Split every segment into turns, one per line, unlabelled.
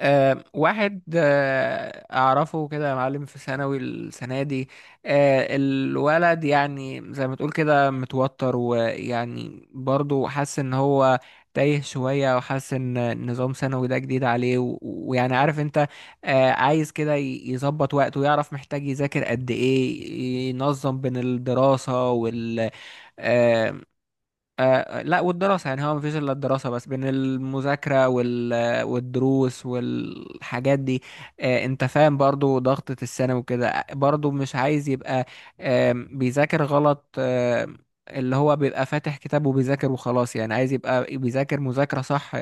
واحد اعرفه كده يا معلم في ثانوي السنه دي. الولد يعني زي ما تقول كده متوتر، ويعني برضه حاسس ان هو تايه شويه، وحاسس ان نظام ثانوي ده جديد عليه، و- ويعني عارف انت. عايز كده يظبط وقته ويعرف محتاج يذاكر قد ايه، ينظم بين الدراسه والشغل. آه لا، والدراسة يعني هو مفيش إلا الدراسة، بس بين المذاكرة والدروس والحاجات دي. أنت فاهم برضو ضغطة الثانوي وكده، برضو مش عايز يبقى بيذاكر غلط. اللي هو بيبقى فاتح كتاب وبيذاكر وخلاص، يعني عايز يبقى بيذاكر مذاكرة صح،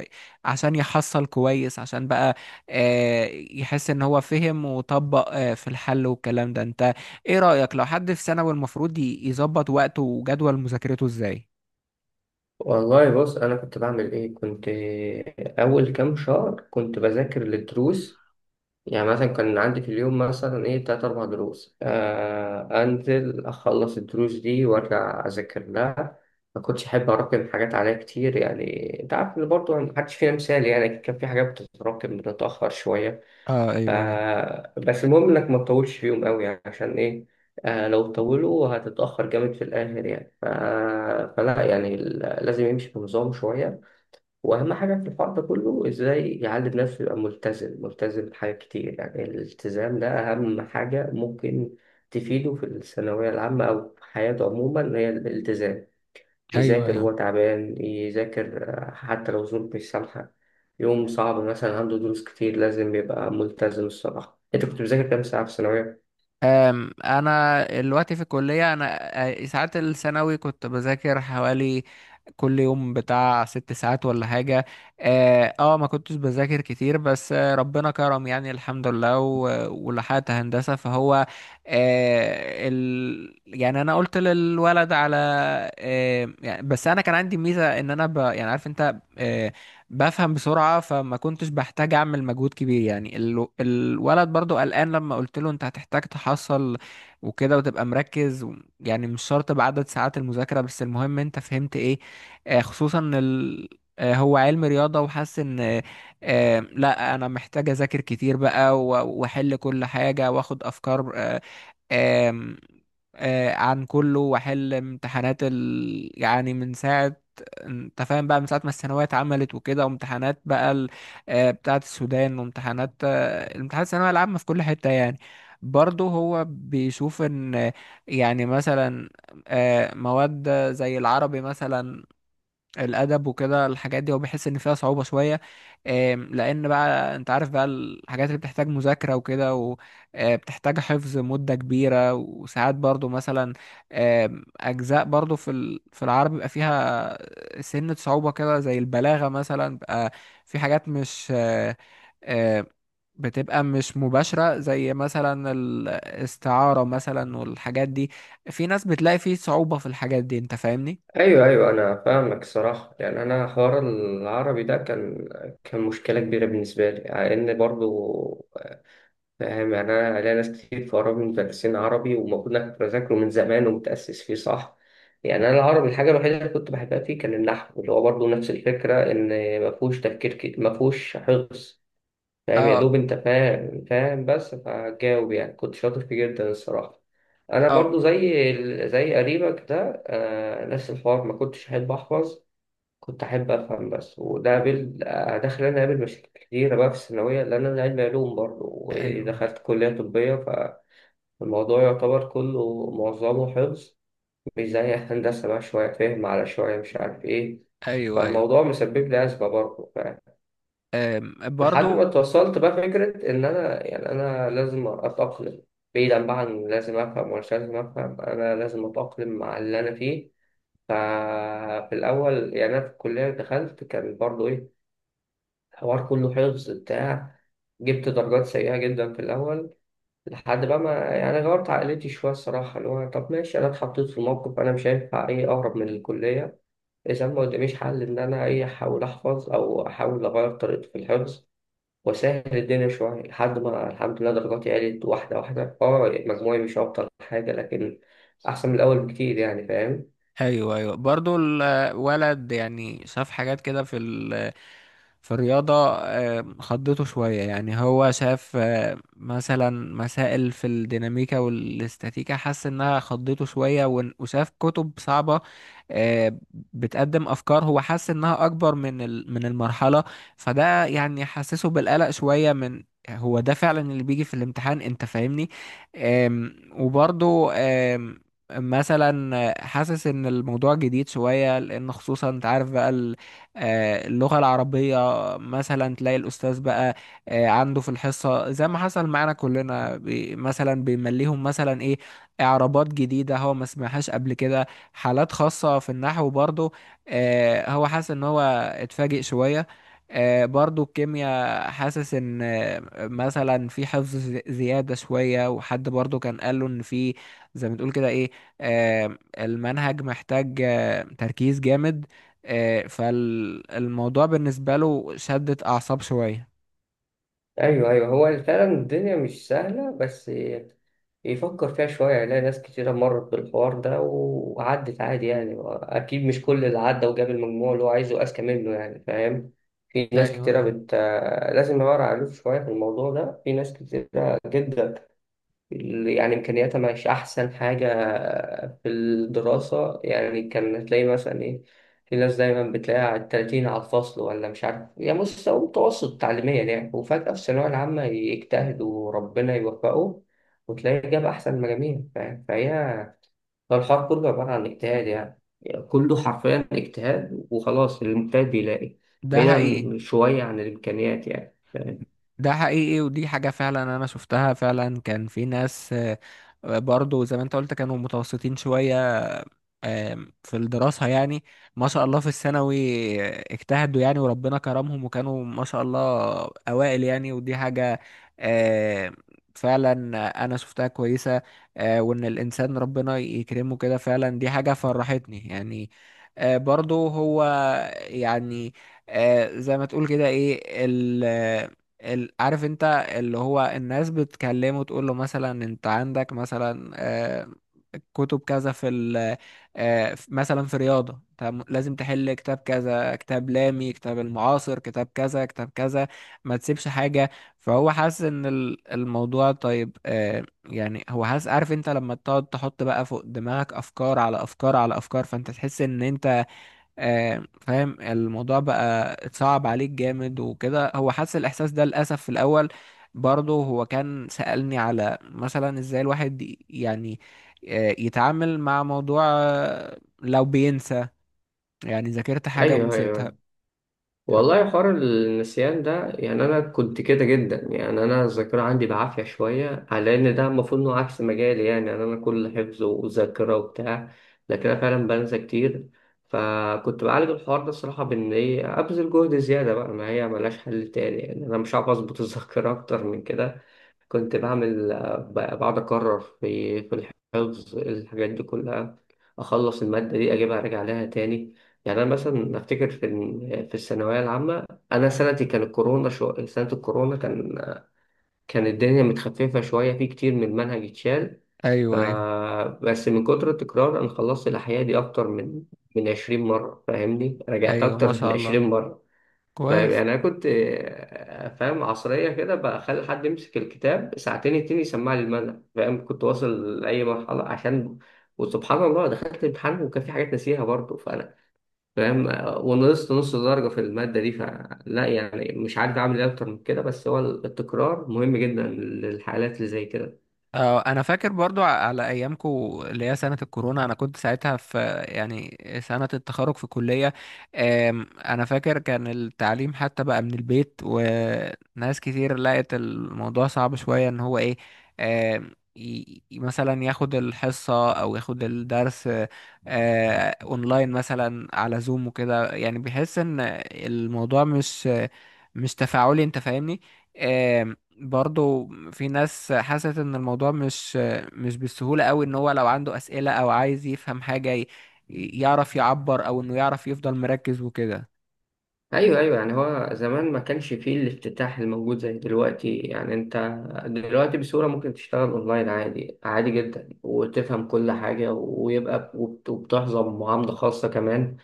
عشان يحصل كويس، عشان بقى آه يحس إن هو فهم وطبق في الحل والكلام ده. أنت إيه رأيك لو حد في ثانوي المفروض يظبط وقته وجدول مذاكرته إزاي؟
والله بص، انا كنت بعمل ايه؟ كنت اول كام شهر كنت بذاكر للدروس. يعني مثلا كان عندي في اليوم مثلا ايه تلات اربع دروس، آه انزل اخلص الدروس دي وارجع اذاكر لها. ما كنتش احب اراكم حاجات عليا كتير يعني. انت عارف ان برضه محدش فينا مثالي، يعني كان في حاجات بتتراكم بتتاخر شويه.
اه،
ف-
ايوه، ايوه،
بس المهم انك ما تطولش فيهم قوي، يعني عشان ايه؟ آه لو طولوا هتتأخر جامد في الآخر يعني فلا يعني لازم يمشي بنظام شوية. وأهم حاجة في الحوار ده كله إزاي يعلم نفسه يبقى ملتزم، ملتزم بحاجات كتير. يعني الالتزام ده أهم حاجة ممكن تفيده في الثانوية العامة أو في حياته عموما، هي الالتزام.
ايوه،
يذاكر
ايوه.
وهو تعبان، يذاكر آه، حتى لو ظروف مش سامحة. يوم صعب مثلا، عنده دروس كتير، لازم يبقى ملتزم. الصراحة أنت كنت بتذاكر كام ساعة في الثانوية؟
انا دلوقتي في الكليه انا. ساعات الثانوي كنت بذاكر حوالي كل يوم بتاع ست ساعات ولا حاجه. اه، ما كنتش بذاكر كتير بس. ربنا كرم، يعني الحمد لله، و- ولحقت هندسه فهو يعني انا قلت للولد على يعني. بس انا كان عندي ميزه ان انا يعني عارف انت، بفهم بسرعة، فما كنتش بحتاج أعمل مجهود كبير. يعني الولد برضو قلقان، لما قلت له أنت هتحتاج تحصل وكده وتبقى مركز، يعني مش شرط بعدد ساعات المذاكرة، بس المهم أنت فهمت إيه. خصوصا إن هو علم رياضة وحاسس إن لا، أنا محتاج أذاكر كتير بقى وأحل كل حاجة وأخد أفكار. آم، عن كله، واحل امتحانات يعني من ساعة. انت فاهم بقى، من ساعة ما الثانوية اتعملت وكده، وامتحانات بقى بتاعة السودان، وامتحانات امتحانات الثانوية العامة في كل حتة يعني. برضه هو بيشوف ان يعني مثلا مواد زي العربي مثلا، الادب وكده الحاجات دي، هو بيحس ان فيها صعوبه شويه. لان بقى انت عارف بقى، الحاجات اللي بتحتاج مذاكره وكده وبتحتاج حفظ مده كبيره، وساعات برضو مثلا اجزاء برضو في العربي بيبقى فيها سنه صعوبه كده، زي البلاغه مثلا بقى. في حاجات مش آه، بتبقى مش مباشرة، زي مثلا الاستعارة مثلا والحاجات دي، في ناس بتلاقي فيه صعوبة في الحاجات دي. انت فاهمني؟
أيوه أيوه أنا فاهمك. الصراحة يعني أنا حوار العربي ده كان كان مشكلة كبيرة بالنسبة لي، لأن برضو فاهم يعني أنا ليا ناس كتير في قرايبي مدرسين عربي، ومفروض إن أنا كنت بذاكره من زمان ومتأسس فيه صح. يعني أنا العربي الحاجة الوحيدة اللي كنت بحبها فيه كان النحو، اللي هو برضو نفس الفكرة، إن مفهوش تفكير كتير، مفهوش حفظ. فاهم يا دوب،
اه،
انت فاهم فاهم بس فجاوب. يعني كنت شاطر فيه جدا الصراحة. انا
اه،
برضو زي زي قريبك ده، آه نفس الحوار، ما كنتش احب احفظ. كنت احب افهم بس، وده قابل آه، ده خلاني اقابل مشاكل كتيرة بقى في الثانوية، لان انا علمي علوم برضو
ايوه،
ودخلت كلية طبية. فالموضوع يعتبر كله معظمه حفظ، مش زي هندسة بقى شوية فهم على شوية مش عارف ايه.
ايوه، ايوه.
فالموضوع مسبب لي أزمة برضه.
أم،
لحد ما
برضو.
توصلت بقى فكرة إن أنا يعني أنا لازم أتأقلم. بعيدا بقى عن لازم أفهم ومش لازم أفهم، أنا لازم أتأقلم مع اللي أنا فيه. ففي الأول يعني أنا في الكلية دخلت كان برضو إيه، الحوار كله حفظ بتاع. جبت درجات سيئة جدا في الأول، لحد بقى ما يعني غيرت عقليتي شوية. الصراحة اللي هو طب ماشي، أنا اتحطيت في موقف، أنا مش هينفع إيه أهرب من الكلية. إذا ما قداميش حل إن أنا إيه أحاول أحفظ أو أحاول أغير طريقتي في الحفظ، وسهل الدنيا شوية. لحد ما الحمد لله درجاتي عالت واحدة واحدة، اه مجموعي مش أبطل حاجة، لكن أحسن من الأول بكتير يعني، فاهم.
ايوه، ايوه، برضو الولد يعني شاف حاجات كده في الرياضة. خضته شوية، يعني هو شاف مثلا مسائل في الديناميكا والاستاتيكا، حس انها خضته شوية، ون- وشاف كتب صعبة آه، بتقدم افكار، هو حس انها اكبر من المرحلة. فده يعني حسسه بالقلق شوية، من هو ده فعلا اللي بيجي في الامتحان؟ انت فاهمني. وبرضو مثلا حاسس ان الموضوع جديد شوية، لان خصوصا انت عارف بقى اللغة العربية، مثلا تلاقي الأستاذ بقى عنده في الحصة، زي ما حصل معانا كلنا، مثلا بيمليهم مثلا إيه، إعرابات جديدة هو ما سمعهاش قبل كده، حالات خاصة في النحو برضو. هو حاسس إن هو اتفاجئ شوية. برضو الكيمياء حاسس ان مثلا في حفظ زيادة شوية. وحد برضو كان قال له ان في زي ما تقول كده ايه آه، المنهج محتاج تركيز جامد. فالموضوع بالنسبة له شدة أعصاب شوية.
أيوه أيوه، هو فعلا الدنيا مش سهلة، بس يفكر فيها شوية يلاقي ناس كتيرة مرت بالحوار ده وعدت عادي. يعني أكيد مش كل اللي عدى وجاب المجموع اللي هو عايزه أذكى منه، يعني فاهم. في ناس
ايوه،
كتيرة
ايوه.
بت... لازم نورع عليه شوية في الموضوع ده. في ناس كتيرة جدا يعني إمكانياتها مش أحسن حاجة في الدراسة، يعني كان تلاقي مثلا إيه، في ناس دايما بتلاقيها على التلاتين على الفصل ولا مش عارف، يعني مستوى متوسط تعليميا يعني، وفجأة في الثانوية العامة يجتهد وربنا يوفقه وتلاقيه جاب أحسن المجاميع. فهي فالحوار كله عبارة عن اجتهاد يعني، كله حرفيا اجتهاد وخلاص، المجتهد بيلاقي،
ده حقيقي.
بعيدا شوية عن الإمكانيات يعني.
ده حقيقي، ودي حاجة فعلا أنا شفتها فعلا. كان في ناس برضو زي ما أنت قلت كانوا متوسطين شوية، في الدراسة يعني. ما شاء الله في الثانوي اجتهدوا يعني، وربنا كرمهم، وكانوا ما شاء الله أوائل يعني. ودي حاجة آم، فعلا أنا شفتها كويسة. وإن الإنسان ربنا يكرمه كده فعلا، دي حاجة فرحتني يعني. برضو هو يعني زي ما تقول كده إيه عارف انت، اللي هو الناس بتكلمه تقول له مثلا انت عندك مثلا كتب كذا في ال مثلا في رياضة أنت لازم تحل كتاب كذا، كتاب لامي، كتاب المعاصر، كتاب كذا، كتاب كذا، ما تسيبش حاجة. فهو حاسس ان الموضوع طيب. يعني هو حاسس، عارف انت لما تقعد تحط بقى فوق دماغك افكار على افكار على افكار، فانت تحس ان انت فاهم الموضوع بقى، اتصعب عليك جامد وكده. هو حس الإحساس ده للأسف في الأول. برضه هو كان سألني على مثلا إزاي الواحد يعني يتعامل مع موضوع لو بينسى، يعني ذاكرت حاجة
أيوه
ونسيتها.
أيوه، والله حوار النسيان ده، يعني انا كنت كده جدا. يعني انا الذاكره عندي بعافيه شويه، على ان ده المفروض انه عكس مجالي يعني، يعني انا كل حفظ وذاكره وبتاع، لكن انا فعلا بنسى كتير. فكنت بعالج الحوار ده الصراحه بان ايه، ابذل جهد زياده بقى، ما هي ملهاش حل تاني يعني، انا مش عارف اظبط الذاكره اكتر من كده. كنت بعمل آه، بقعد اكرر في في الحفظ، الحاجات دي كلها، اخلص الماده دي اجيبها ارجع لها تاني. يعني انا مثلا افتكر في في الثانويه العامه، انا سنتي كان الكورونا، سنه الكورونا كان، كان الدنيا متخففه شويه، في كتير من المنهج اتشال. ف...
أيوه، أيوه،
بس من كتر التكرار انا خلصت الاحياء دي اكتر من من 20 مره، فاهمني، رجعت
أيوه، ما
اكتر من
شاء الله.
20 مره. فاهم يعني
كويس.
انا كنت آه، فاهم عصريه كده، بخلي حد يمسك الكتاب ساعتين اتنين يسمع لي المنهج، فاهم، كنت واصل لاي مرحله عشان. وسبحان الله دخلت الامتحان وكان في حاجات ناسيها برضه، فاهم. ونقصت نص درجة في المادة دي، فلا يعني مش عارف أعمل إيه أكتر من كده، بس هو التكرار مهم جدا للحالات اللي زي كده.
اه، انا فاكر برضو على ايامكو، اللي هي سنة الكورونا. انا كنت ساعتها في يعني سنة التخرج في الكلية. انا فاكر كان التعليم حتى بقى من البيت، وناس كتير لقت الموضوع صعب شوية. ان هو ايه، مثلا ياخد الحصة او ياخد الدرس اونلاين، مثلا على زوم وكده. يعني بيحس ان الموضوع مش تفاعلي. انت فاهمني. برضو في ناس حست ان الموضوع مش بالسهولة قوي، ان هو لو عنده اسئلة او عايز يفهم حاجة يعرف يعبر، او انه يعرف يفضل مركز وكده.
أيوه أيوه، يعني هو زمان ما كانش فيه الافتتاح الموجود زي دلوقتي. يعني أنت دلوقتي بسهولة ممكن تشتغل أونلاين عادي، عادي جدا، وتفهم كل حاجة، ويبقى وبتحظى بمعاملة خاصة كمان،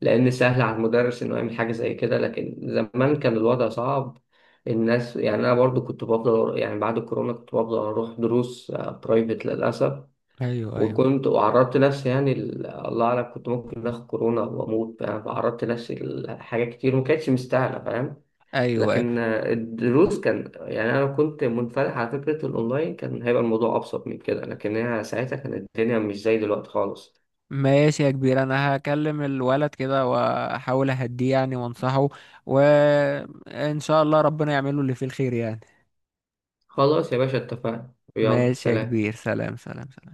لأن سهل على المدرس إنه يعمل حاجة زي كده، لكن زمان كان الوضع صعب. الناس يعني أنا برضو كنت بفضل، يعني بعد الكورونا كنت بفضل أروح دروس برايفت للأسف.
ايوه، ايوه،
وكنت وعرضت نفسي يعني الله أعلم كنت ممكن آخد كورونا وأموت يعني، فعرضت نفسي لحاجات كتير وما كانتش مستاهلة، فاهم.
ايوه، أيوة.
لكن آه، الدروس كان يعني أنا كنت منفتح على فكرة الأونلاين، كان هيبقى الموضوع أبسط من كده، لكن هي ساعتها كانت الدنيا مش زي دلوقتي خالص.
ماشي يا كبير، انا هكلم الولد كده واحاول اهديه يعني وانصحه، وان شاء الله ربنا يعمله اللي فيه الخير يعني.
خلاص يا باشا، اتفقنا، يلا
ماشي يا
سلام.
كبير، سلام، سلام، سلام.